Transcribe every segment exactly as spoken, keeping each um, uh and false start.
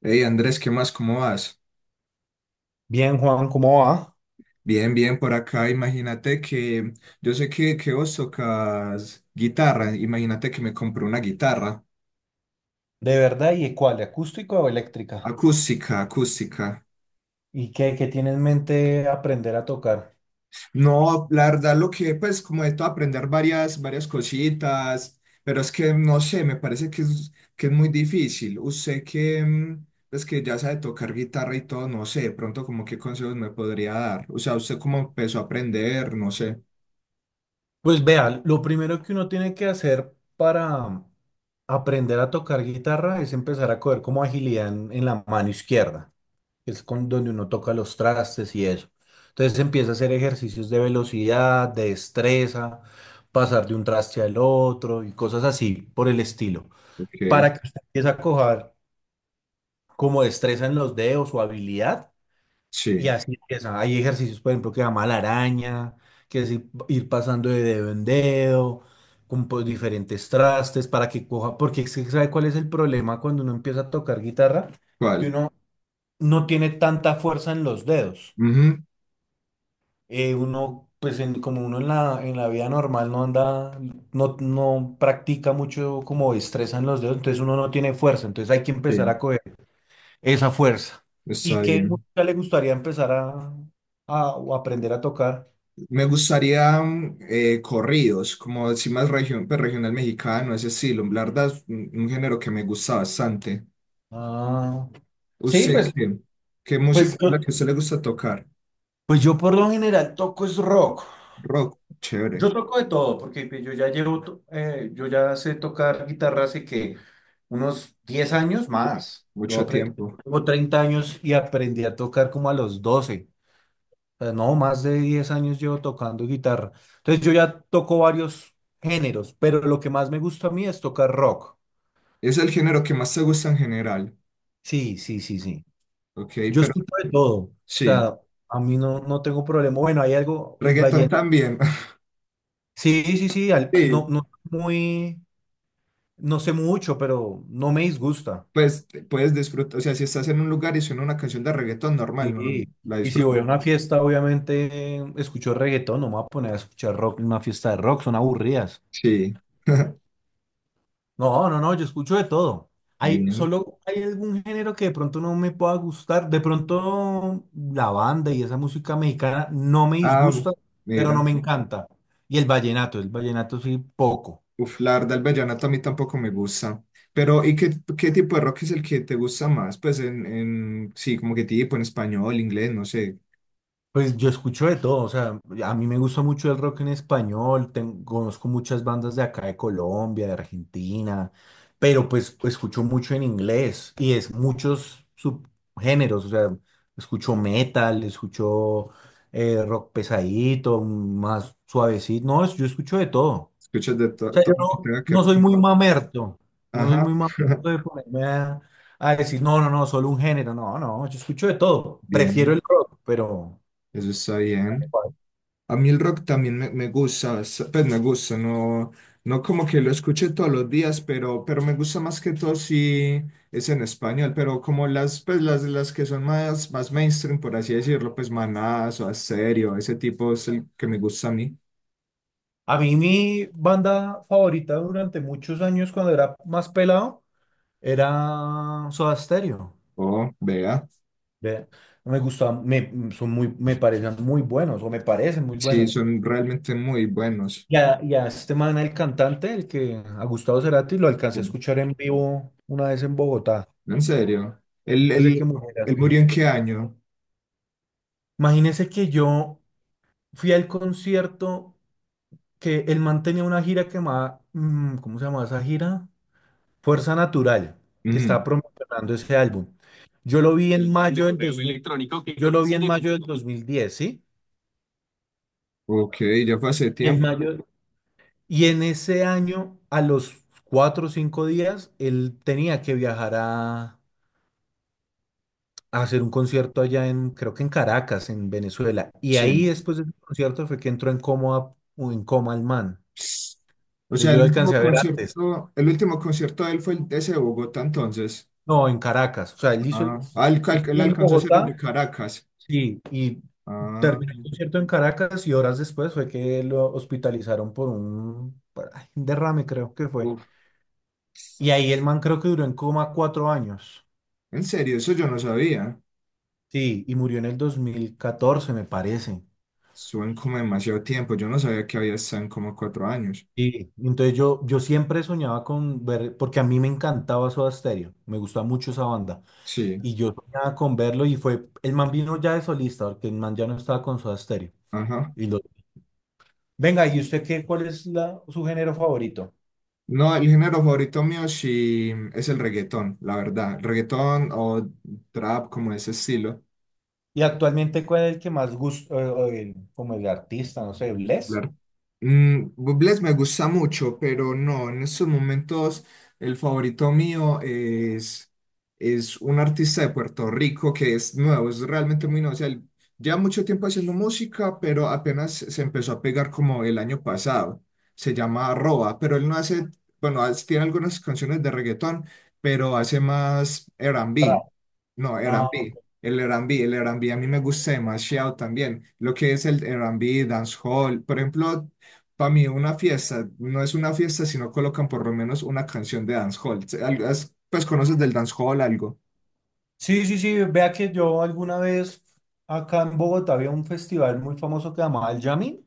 Hey Andrés, ¿qué más? ¿Cómo vas? Bien, Juan, ¿cómo va? Bien, bien, por acá. Imagínate que yo sé que, que vos tocas guitarra. Imagínate que me compré una guitarra ¿De verdad? ¿Y cuál? ¿Acústico o eléctrica? acústica, acústica. ¿Y qué, qué tiene en mente aprender a tocar? No, la verdad, lo que pues como de todo aprender varias, varias cositas, pero es que no sé, me parece que es, que es muy difícil. Usted que, mm, pues que ya sabe tocar guitarra y todo, no sé, de pronto como qué consejos me podría dar. O sea, usted cómo empezó a aprender, no sé. Pues vea, lo primero que uno tiene que hacer para aprender a tocar guitarra es empezar a coger como agilidad en, en la mano izquierda, que es con donde uno toca los trastes y eso. Entonces empieza a hacer ejercicios de velocidad, de destreza, pasar de un traste al otro y cosas así por el estilo. Ok, Para que usted empiece a coger como destreza en los dedos o habilidad. Y sí. así empieza. Hay ejercicios, por ejemplo, que llama la araña, que es ir, ir pasando de dedo en dedo, con pues, diferentes trastes para que coja. Porque es que, ¿sabe cuál es el problema cuando uno empieza a tocar guitarra? Que ¿Cuál? uno no tiene tanta fuerza en los dedos. Ujú. Eh, uno, pues en- como uno en la, en la vida normal no anda, no, no practica mucho como destreza en los dedos, entonces uno no tiene fuerza. Entonces hay que empezar Sí, a coger esa fuerza. ¿Y está qué bien. música le gustaría empezar a, a- o aprender a tocar? Me gustaría mm, eh, corridos, como decir más region, pues, regional mexicano, ese estilo. La verdad es un, un género que me gusta bastante. Ah, sí, ¿Usted pues, qué? ¿Qué música pues, es yo, la que a usted le gusta tocar? pues yo por lo general toco es rock. Rock, chévere, Yo toco de todo, porque pues yo ya llevo, to- eh, yo ya sé tocar guitarra hace que unos diez años más. Lo mucho aprendí, tiempo. tengo treinta años y aprendí a tocar como a los doce. O sea, no, más de diez años llevo tocando guitarra. Entonces yo ya toco varios géneros, pero lo que más me gusta a mí es tocar rock. Es el género que más te gusta en general, Sí, sí, sí, sí. ok, Yo pero escucho de todo. O sí, sea, a mí no, no tengo problema. Bueno, hay algo, el reggaetón vallenato. también. Sí, sí, sí. Al- no, Sí, no muy, no sé mucho, pero no me disgusta. pues te- puedes disfrutar, o sea, si estás en un lugar y suena una canción de reggaetón normal, no, Sí. la Y si voy disfrutas. a una fiesta, obviamente escucho reggaetón, no me voy a poner a escuchar rock en una fiesta de rock, son aburridas. Sí, No, no, no, yo escucho de todo. Hay, bien. solo hay algún género que de pronto no me pueda gustar. De pronto la banda y esa música mexicana no me Ah, disgusta, pero no mira. me encanta. Y el vallenato, el vallenato sí, poco. Uf, la verdad, el vallenato a mí tampoco me gusta. Pero, ¿y qué, ¿qué tipo de rock es el que te gusta más? Pues en, en sí, como que tipo en español, inglés, no sé. Pues yo escucho de todo, o sea, a mí me gusta mucho el rock en español, ten- conozco muchas bandas de acá de Colombia, de Argentina, pero pues escucho mucho en inglés y es muchos subgéneros, o sea, escucho metal, escucho eh, rock pesadito, más suavecito, no, es- yo escucho de todo. O Escuchas de to- sea, todo yo lo que no, tenga que ver no soy con muy rock. mamerto, no soy Ajá. muy mamerto de ponerme a, a decir, no, no, no, solo un género, no, no, yo escucho de todo, prefiero Bien, el rock, pero. eso está bien. A mí el rock también me, me gusta, s- pues me gusta, no, no como que lo escuche todos los días, pero, pero me gusta más que todo si es en español, pero como las, pues las, las que son más, más mainstream, por así decirlo, pues Manás o Asterio, ese tipo es el que me gusta a mí. A mí mi banda favorita durante muchos años cuando era más pelado era Soda Stereo. Oh, vea, Ve, Me gustaba, me, son muy, me parecían muy buenos o me parecen muy sí, buenos. son realmente muy buenos. Y a, y a este man, el cantante, el que a Gustavo Cerati lo alcancé a Sí, escuchar en vivo una vez en Bogotá, en serio. ¿Él, antes de que él, muriera. ¿él Sí. murió en qué año? Imagínese que yo fui al concierto que el man tenía una gira que llamaba, mm, ¿cómo se llamaba esa gira? Fuerza Natural, que está Ujú. promocionando ese álbum. Yo lo vi en mayo del pero dos mil, electrónico que yo lo vi en mayo del dos mil diez, ¿sí? Ok, ya fue hace Y en tiempo, mayo, y en ese año, a los cuatro o cinco días, él tenía que viajar a, a hacer un concierto allá en, creo que en Caracas, en Venezuela. Y sí. ahí después del concierto fue que entró en coma, en coma el man. O sea, Yo lo el último alcancé a ver antes. concierto, el último concierto de él fue el de ese de Bogotá entonces. No, en Caracas. O sea, él hizo el, Ah, ah, él, cal- él estuvo en alcanzó a hacer el de Bogotá. Caracas. Sí, y Ah, terminó el concierto en Caracas y horas después fue que lo hospitalizaron por un, por- ay, un derrame, creo que fue. uf. Y ahí el man creo que duró en coma cuatro años. En serio, eso yo no sabía. Sí, y murió en el dos mil catorce me parece. Suben como demasiado tiempo. Yo no sabía que había estado en como cuatro años. Sí. Entonces yo, yo siempre soñaba con ver, porque a mí me encantaba Soda Stereo, me gustaba mucho esa banda. Sí, Y yo soñaba con verlo y fue, el man vino ya de solista, porque el man ya no estaba con Soda Stereo. ajá. Y lo, venga, ¿y usted qué, cuál es la, su género favorito? No, el género favorito mío sí es el reggaetón, la verdad. Reggaetón o trap, como ese estilo. Y actualmente, ¿cuál es el que más gusta, o- o el- como el artista, no sé, Bless? Claro. Mm, Bublé me gusta mucho, pero no, en estos momentos el favorito mío es, es un artista de Puerto Rico que es nuevo, es realmente muy nuevo. O sea, él lleva mucho tiempo haciendo música, pero apenas se empezó a pegar como el año pasado. Se llama Arroba, pero él no hace, bueno, hace- tiene algunas canciones de reggaetón, pero hace más Pra- R and B. No, Mm. Ah, R and B. El R and B, el R and B a mí me gusta demasiado también. Lo que es el R and B, dancehall, por ejemplo, para mí una fiesta no es una fiesta si no colocan por lo menos una canción de dancehall. Se- al- has- Pues conoces del dancehall algo. sí, sí, sí, vea que yo alguna vez acá en Bogotá había un festival muy famoso que llamaba el Jamming,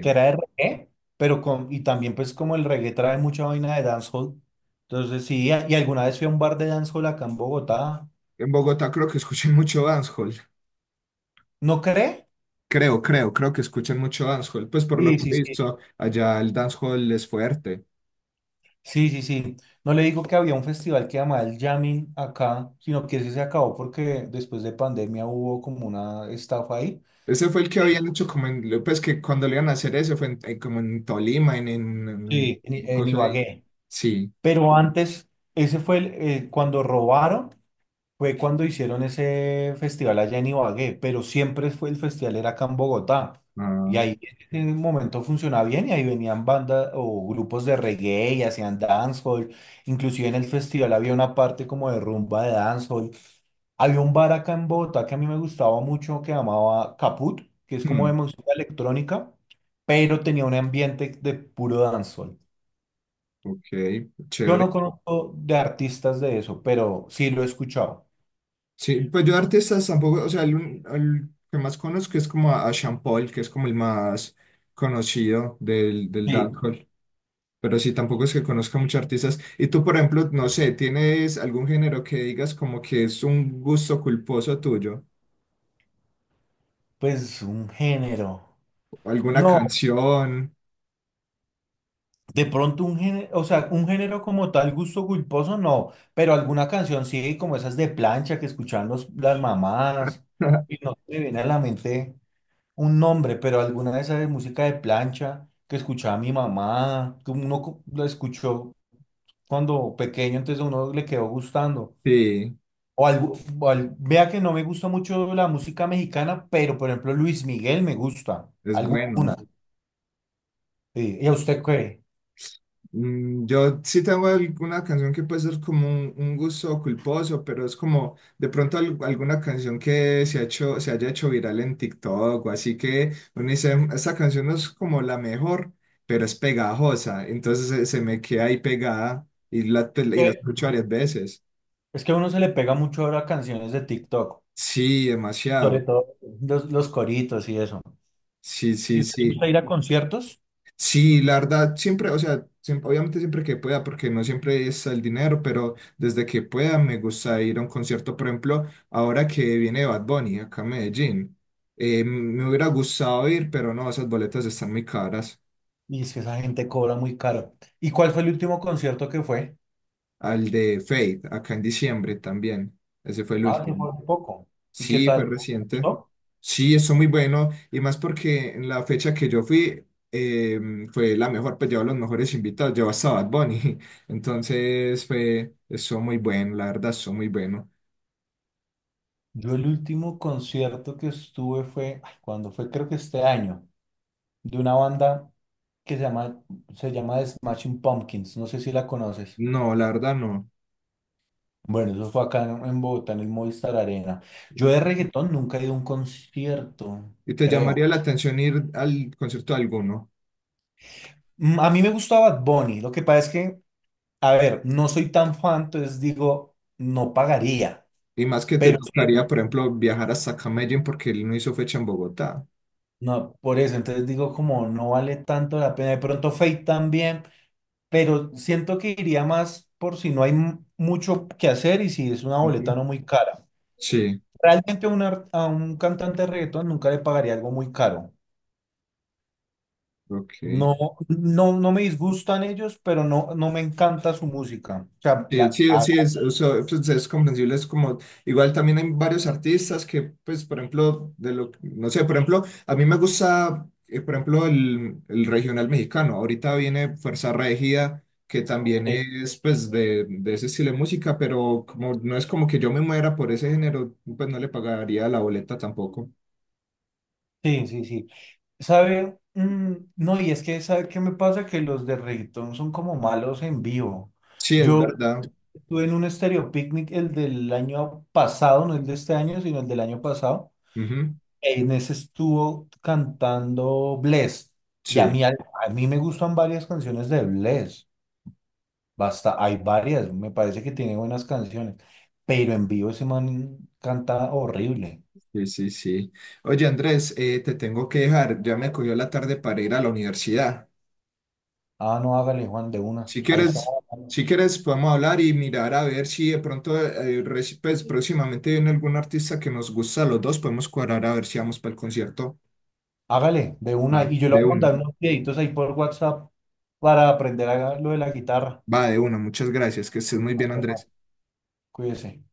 que era de reggae, pero con, y también pues como el reggae trae mucha vaina de dancehall, entonces sí, y alguna vez fui a un bar de dancehall acá en Bogotá, en Bogotá creo que escuchan mucho dancehall. ¿no cree? Creo, creo, creo que escuchan mucho dancehall. Pues por lo Sí, que sí, he sí. visto, allá el dancehall es fuerte. Sí, sí, sí. No le digo que había un festival que llamaba el Jamming acá, sino que ese se acabó porque después de pandemia hubo como una estafa ahí. Ese fue el que habían hecho como en, pues que cuando le iban a hacer eso fue en- eh, como en Tolima, en, en, Sí, en, I- en en cosa ahí. Ibagué. Sí. Pero antes, ese fue el, eh, cuando robaron, fue cuando hicieron ese festival allá en Ibagué, pero siempre fue el festival era acá en Bogotá. Ah, Y ahí en un momento funcionaba bien y ahí venían bandas o grupos de reggae y hacían dancehall. Inclusive en el festival había una parte como de rumba de dancehall. Había un bar acá en Bogotá que a mí me gustaba mucho que llamaba Caput, que es como de hmm. música electrónica, pero tenía un ambiente de puro dancehall. Ok, Yo no chévere. conozco de artistas de eso, pero sí lo he escuchado. Sí, pues yo de artistas tampoco, o sea, el, un- el que más conozco es como a, a Sean Paul, que es como el más conocido del, del Sí, dancehall, pero sí, tampoco es que conozca muchos artistas. Y tú, por ejemplo, no sé, ¿tienes algún género que digas como que es un gusto culposo tuyo? pues un género. ¿Alguna No, canción? de pronto un género, o sea, un género como tal, gusto culposo, no, pero alguna canción sí, como esas de plancha que escuchaban los, las mamás, y no me viene a la mente un nombre, pero alguna de esas de música de plancha que escuchaba mi mamá, que uno co- lo escuchó cuando pequeño, entonces a uno le quedó gustando. Sí, O algo, o al- vea que no me gusta mucho la música mexicana, pero por ejemplo Luis Miguel me gusta, es alguna. bueno. Sí, ¿y a usted qué? Mm, Yo sí tengo alguna canción que puede ser como un, un gusto culposo, pero es como de pronto al- alguna canción que se ha hecho, se haya hecho viral en TikTok o así que uno dice, "Mm, esta canción no es como la mejor, pero es pegajosa, entonces se, se me queda ahí pegada y la, pues, y la Eh, escucho varias veces". Es que a uno se le pega mucho ahora canciones de TikTok, Sí, sobre demasiado. todo los, los coritos y eso. Sí, ¿Y sí, usted le sí. gusta ir a conciertos? Sí, la verdad, siempre, o sea, siempre- obviamente siempre que pueda, porque no siempre es el dinero, pero desde que pueda me gusta ir a un concierto, por ejemplo, ahora que viene Bad Bunny acá a Medellín, eh, me hubiera gustado ir, pero no, esas boletas están muy caras. Y es que esa gente cobra muy caro. ¿Y cuál fue el último concierto que fue? Al de Fate, acá en diciembre también, ese fue el Ah, se último. fue hace poco. ¿Y qué Sí, fue tal? ¿Te reciente. ¿Gustó? Sí, eso muy bueno. Y más porque en la fecha que yo fui eh, fue la mejor, pues llevaba los mejores invitados, llevaba hasta Bad Bunny. Entonces fue, eso muy bueno, la verdad, eso muy bueno. Yo el último concierto que estuve fue, ay, ¿cuándo fue? Creo que este año, de una banda que se llama, se llama The Smashing Pumpkins, no sé si la conoces. No, la verdad no. Bueno, eso fue acá en, en Bogotá, en el Movistar Arena. Yo de reggaetón nunca he ido a un concierto, ¿Y te creo. llamaría la atención ir al concierto de alguno? Mm, A mí me gustaba Bad Bunny, lo que pasa es que, a ver, no soy tan fan, entonces digo, no pagaría, Y más que te pero sí, tocaría, por ejemplo, viajar hasta Medellín porque él no hizo fecha en Bogotá. no, por eso, entonces digo como no vale tanto la pena, de pronto Fate también, pero siento que iría más por si no hay m- mucho que hacer y si es una boleta Ujú. no muy cara. Sí, Realmente a, un ar- a un cantante de reggaetón nunca le pagaría algo muy caro. ok. No, no, no me disgustan ellos, pero no, no me encanta su música. O sea, Sí, la, sí, a- sí, es, o sea, pues, es comprensible, es como, igual también hay varios artistas que, pues, por ejemplo, de lo, que- no sé, por ejemplo, a mí me gusta, eh, por ejemplo, el, el regional mexicano, ahorita viene Fuerza Regida, que también sí, es, pues, de, de ese estilo de música, pero como no es como que yo me muera por ese género, pues no le pagaría la boleta tampoco. sí, sí. Sí. ¿Sabe? Mm, no, y es que, ¿sabe qué me pasa? Que los de reggaetón son como malos en vivo. Sí, es Yo verdad. estuve en un Stereo Picnic, el del año pasado, no el de este año, sino el del año pasado. Ujú, En ese estuvo cantando Bless. Y a mí, sí, a mí me gustan varias canciones de Bless. Basta, hay varias, me parece que tiene buenas canciones, pero en vivo ese man canta horrible. sí, sí, sí. Oye, Andrés, eh, te tengo que dejar, ya me cogió la tarde para ir a la universidad. Ah, no, hágale, Juan, de una. Si Ahí está. quieres, si quieres, podemos hablar y mirar a ver si de pronto, eh, reci- pues próximamente viene algún artista que nos gusta a los dos, podemos cuadrar a ver si vamos para el concierto. Hágale, de una. Va, Y yo le de voy a uno. mandar unos videitos ahí por WhatsApp para aprender a lo de la guitarra. Va, de uno. Muchas gracias. Que estés muy Ah, bien, Juan, Andrés. cuídese.